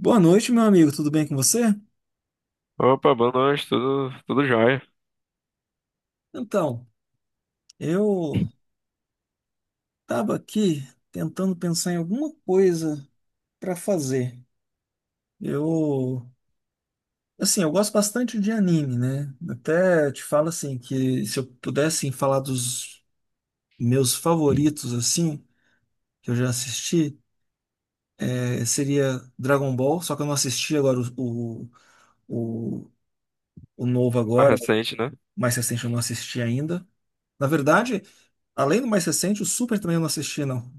Boa noite, meu amigo. Tudo bem com você? Opa, boa noite, tudo jóia. Então, eu estava aqui tentando pensar em alguma coisa para fazer. Eu, assim, eu gosto bastante de anime, né? Até te falo assim que se eu pudesse falar dos meus favoritos assim, que eu já assisti, seria Dragon Ball, só que eu não assisti agora o, o o novo Mais agora, o recente, né? mais recente eu não assisti ainda. Na verdade, além do mais recente, o Super também eu não assisti, não.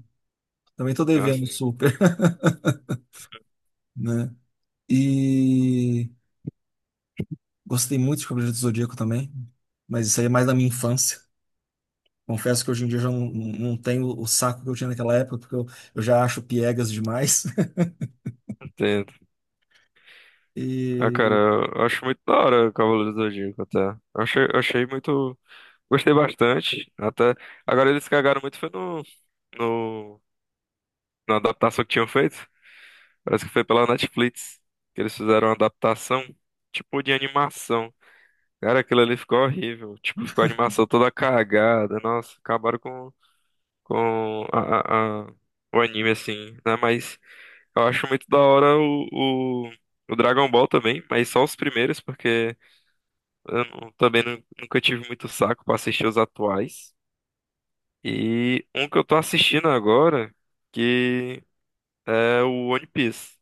Também tô Ah, devendo sim, super, né? E gostei muito de Cavaleiro do Zodíaco também, mas isso aí é mais da minha infância. Confesso que hoje em dia eu já não, não tenho o saco que eu tinha naquela época, porque eu já acho piegas demais. entendo. Ah, cara, E eu acho muito da hora o Cavaleiro do Zodíaco, até. Eu achei muito. Gostei bastante. Até. Agora eles cagaram muito foi no, no, na adaptação que tinham feito. Parece que foi pela Netflix que eles fizeram uma adaptação, tipo, de animação. Cara, aquilo ali ficou horrível. Tipo, ficou a animação toda cagada. Nossa, acabaram com o anime, assim, né? Mas. Eu acho muito da hora o Dragon Ball também, mas só os primeiros, porque eu não- também nu- nunca tive muito saco pra assistir os atuais. E um que eu tô assistindo agora, que é o One Piece.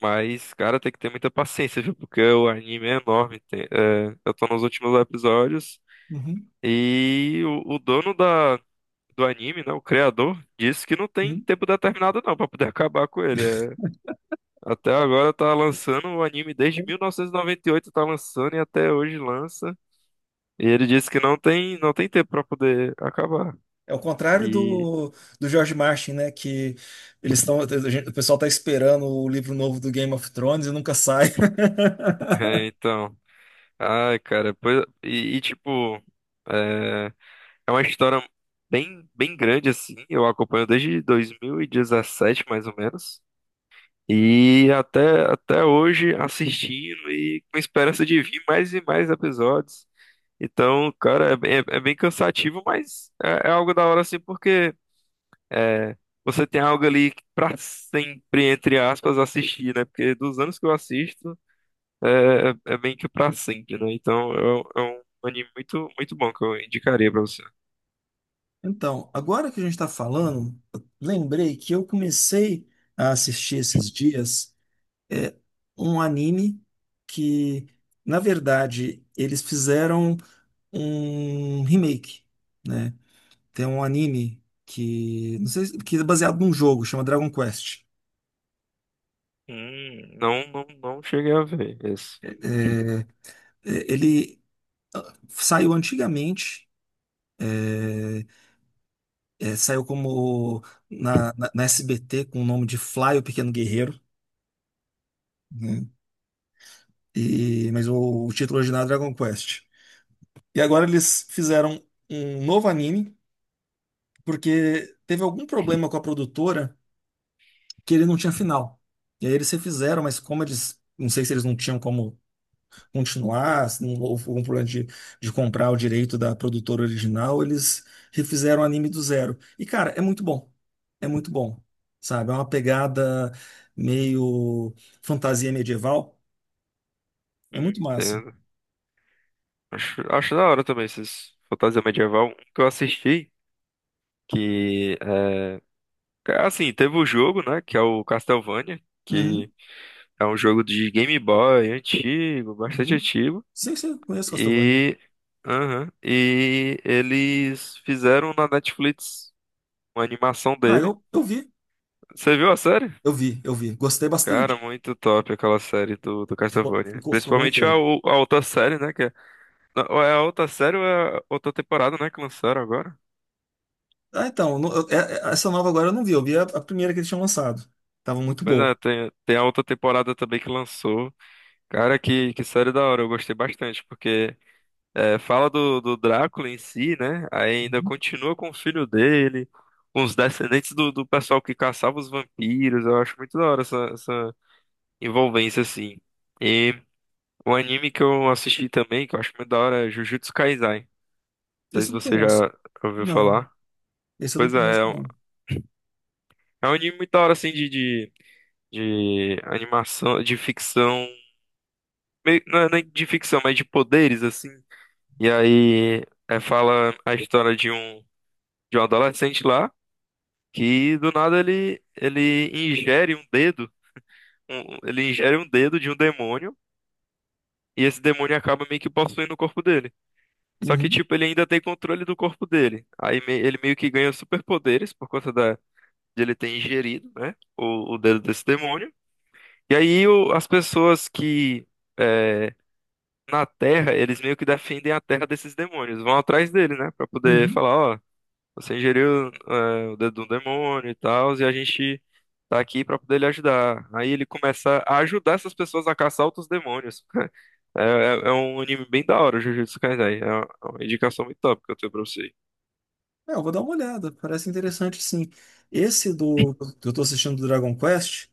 Mas, cara, tem que ter muita paciência, viu? Porque o anime é enorme. É, eu tô nos últimos episódios. uhum, E o dono do anime, né? O criador, disse que não tem uhum. tempo determinado não pra poder acabar com ele. É, até agora tá lançando o anime desde 1998, tá lançando e até hoje lança. E ele disse que não tem tempo pra poder acabar. É o contrário E do, do George Martin, né? Que eles estão, o pessoal tá esperando o livro novo do Game of Thrones e nunca sai. é, então, ai, cara, pois, tipo, é, é uma história bem grande assim. Eu acompanho desde 2017, mais ou menos. E até hoje assistindo e com esperança de vir mais e mais episódios. Então, cara, é, bem cansativo, mas é, é algo da hora assim, porque é, você tem algo ali pra sempre, entre aspas, assistir, né? Porque dos anos que eu assisto, é, bem que pra sempre, né? Então, é, um anime muito, muito bom que eu indicaria pra você. Então, agora que a gente está falando, eu lembrei que eu comecei a assistir esses dias. É um anime que, na verdade, eles fizeram um remake, né? Tem um anime que, não sei, que é baseado num jogo, chama Dragon Quest. Não cheguei a ver esse. É, é, ele ah, saiu antigamente, é, é, saiu como na SBT com o nome de Fly, o Pequeno Guerreiro, né? E, mas o título original é Dragon Quest. E agora eles fizeram um novo anime porque teve algum problema com a produtora que ele não tinha final. E aí eles refizeram, mas como eles, não sei se eles não tinham como continuar, se não houve algum problema de comprar o direito da produtora original, eles refizeram o anime do zero. E cara, é muito bom. É muito bom. Sabe? É uma pegada meio fantasia medieval. É muito massa. Entendo. Acho da hora também esses fantasia medieval. Um que eu assisti, que, é, assim, teve o jogo, né? Que é o Castlevania. Uhum, Que É um jogo de Game Boy antigo, bastante uhum. antigo. Sim, sim, conheço Castlevania. E, aham, e eles fizeram na Netflix uma animação Ah, dele. eu, eu vi, Você viu a série? eu vi, eu vi. Gostei Cara, bastante. muito top aquela série do Ficou, Castlevania. ficou bem Principalmente feito. A outra série, né? Não, ou é a outra série ou é a outra temporada, né? Que lançaram agora. Ah, então, essa nova agora eu não vi, eu vi a primeira que eles tinham lançado. Tava muito Pois boa. é, tem a outra temporada também que lançou. Cara, que série da hora, eu gostei bastante, porque é, fala do Drácula em si, né? Aí ainda Uhum. continua com o filho dele, com os descendentes do pessoal que caçava os vampiros. Eu acho muito da hora essa envolvência, assim. E o anime que eu assisti também, que eu acho muito da hora, é Jujutsu Kaisen. Não sei Esse se eu não você conheço. já ouviu Não, falar. esse eu não Pois é, conheço, não. é um anime muito da hora, assim, de animação, de ficção. Não é nem de ficção, mas de poderes, assim. E aí, é, fala a história de um adolescente lá, que do nada ele ingere um dedo, ele ingere um dedo de um demônio, e esse demônio acaba meio que possuindo o corpo dele. Só que, Uhum, tipo, ele ainda tem controle do corpo dele. Ele meio que ganha superpoderes por conta da, de ele ter ingerido, né, o dedo desse demônio. E aí as pessoas que, é, na Terra, eles meio que defendem a Terra desses demônios, vão atrás dele, né, pra poder uhum. falar, ó. Você ingeriu, é, o dedo do demônio e tal, e a gente tá aqui pra poder lhe ajudar. Aí ele começa a ajudar essas pessoas a caçar outros demônios. É, é um anime bem da hora, o Jujutsu Kaisen. É uma indicação muito top que eu tenho pra você. É, eu vou dar uma olhada, parece interessante sim. Esse do que eu tô assistindo do Dragon Quest,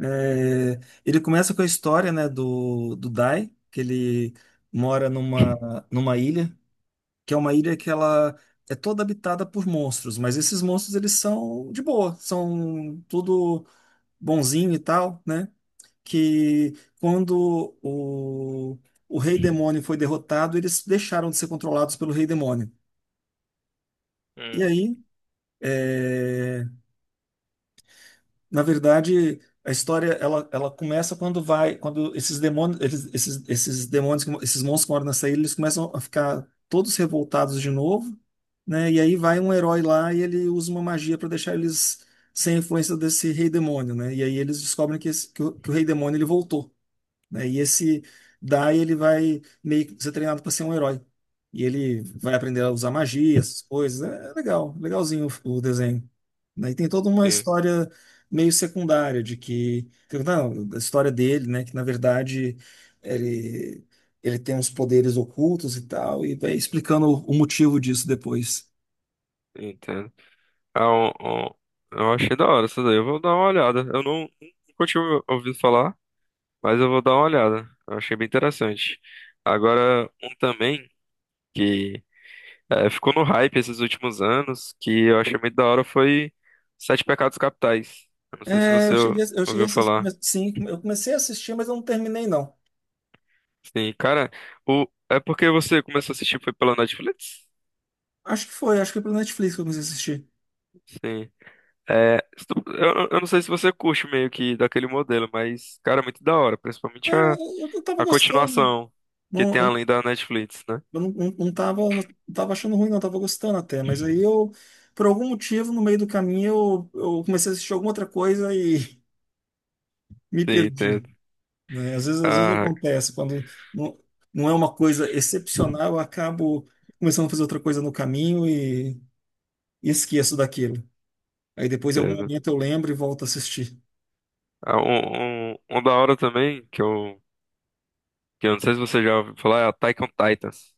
é, ele começa com a história, né, do, do Dai, que ele mora numa, numa ilha, que é uma ilha que ela é toda habitada por monstros, mas esses monstros eles são de boa, são tudo bonzinho e tal, né? Que quando o rei demônio foi derrotado, eles deixaram de ser controlados pelo rei demônio. E Hum, aí, é, na verdade, a história ela, ela começa quando vai, quando esses demônios, eles, esses demônios, que esses monstros que moram nessa ilha, eles começam a ficar todos revoltados de novo, né? E aí vai um herói lá e ele usa uma magia para deixar eles sem a influência desse rei demônio, né? E aí eles descobrem que, que o rei demônio ele voltou. Né? E esse Dai, ele vai meio que ser treinado para ser um herói. E ele vai aprender a usar magia, essas coisas. É é legal, legalzinho o desenho. Né? E tem toda uma en- história meio secundária de que, não, a história dele, né, que na verdade ele ele tem uns poderes ocultos e tal, e vai explicando o motivo disso depois. entendo. Ah, um- eu achei da hora essa daí. Eu vou dar uma olhada. Eu não Nunca tinha ouvido falar, mas eu vou dar uma olhada. Eu achei bem interessante. Agora, um também, que é, ficou no hype esses últimos anos, que eu achei muito da hora foi Sete Pecados Capitais. Eu não sei se É, eu cheguei a ouviu assistir, falar. sim, eu comecei a assistir, mas eu não terminei não. Sim, cara, o... é porque você começou a assistir foi pela Netflix? Acho que foi pelo Netflix que eu comecei a assistir. Sim. É, se tu- eu não sei se você curte meio que daquele modelo, mas, cara, é muito da hora, É, principalmente eu tava a gostando. continuação que Não, tem além da Netflix, né? Não tava, não tava achando ruim, não, tava gostando até, mas aí eu, por algum motivo, no meio do caminho, eu comecei a assistir alguma outra coisa e me Sim, perdi, entendo. né? Às vezes Ah, acontece, quando não, não é uma coisa excepcional, eu acabo começando a fazer outra coisa no caminho e esqueço daquilo. Aí depois, em algum entendo. momento, eu lembro e volto a assistir. Ah, um da hora também, que eu não sei se você já ouviu falar, é a Attack on Titans.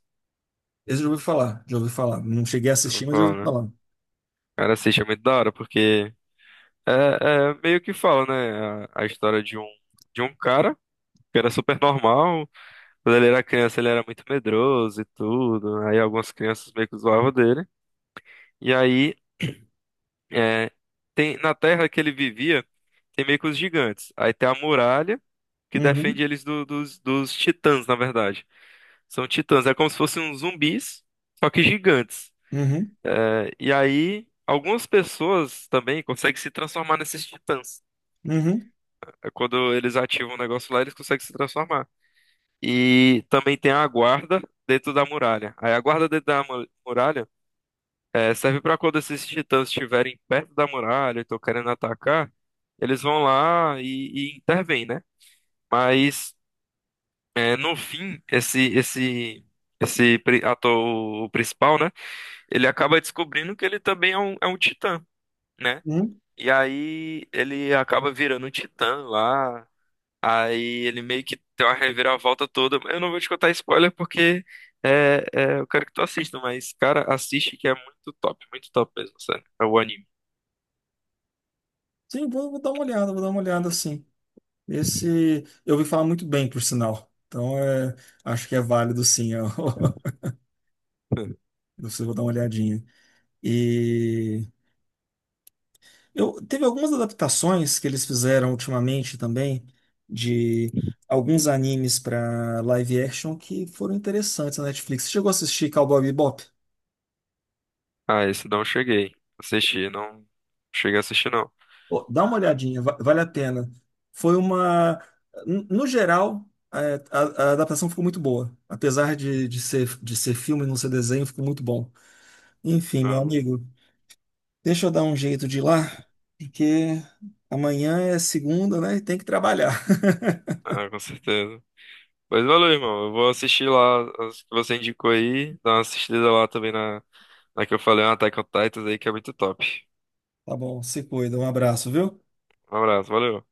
Esse eu já ouvi falar, já ouvi falar. Não cheguei a Eu vou assistir, mas já ouvi falar, né? falar. Cara, assiste é muito da hora, porque é, é meio que fala, né? A história de um cara que era super normal. Quando ele era criança, ele era muito medroso e tudo. Aí algumas crianças meio que zoavam dele. E aí, é, tem, na terra que ele vivia, tem meio que os gigantes. Aí tem a muralha que defende Uhum, eles dos titãs, na verdade. São titãs, é como se fossem uns zumbis, só que gigantes. uhum, É, e aí, algumas pessoas também conseguem se transformar nesses titãs. uhum. É, quando eles ativam o negócio lá, eles conseguem se transformar. E também tem a guarda dentro da muralha. Aí a guarda dentro da muralha, eh, serve para quando esses titãs estiverem perto da muralha e estão querendo atacar, eles vão lá e intervêm, né? Mas eh, no fim, esse pri- ator o principal, né? Ele acaba descobrindo que ele também é é um titã, né? Hum? E aí ele acaba virando um titã lá. Aí ele meio que tem uma reviravolta toda. Eu não vou te contar spoiler porque eu quero que tu assista, mas, cara, assiste que é muito top mesmo, sério. É o anime. Sim, vou, vou dar uma olhada, vou dar uma olhada sim. Esse eu ouvi falar muito bem, por sinal. Então é, acho que é válido sim. Eu, eu vou dar uma olhadinha. E eu teve algumas adaptações que eles fizeram ultimamente também de alguns animes para live action que foram interessantes na Netflix. Você chegou a assistir Cowboy Bebop? Ah, esse não cheguei. Assisti, não cheguei a assistir, não. Pô, dá uma olhadinha, vale a pena. Foi uma. No geral, é, a adaptação ficou muito boa. Apesar de ser filme e não ser desenho, ficou muito bom. Enfim, meu Ah, amigo, deixa eu dar um jeito de ir lá, porque amanhã é segunda, né? E tem que trabalhar. Com certeza. Pois valeu, irmão. Eu vou assistir lá as que você indicou aí. Dar uma assistida lá também na que eu falei, na Attack on Titans aí, que é muito top. Tá bom, se cuida. Um abraço, viu? Um abraço, valeu.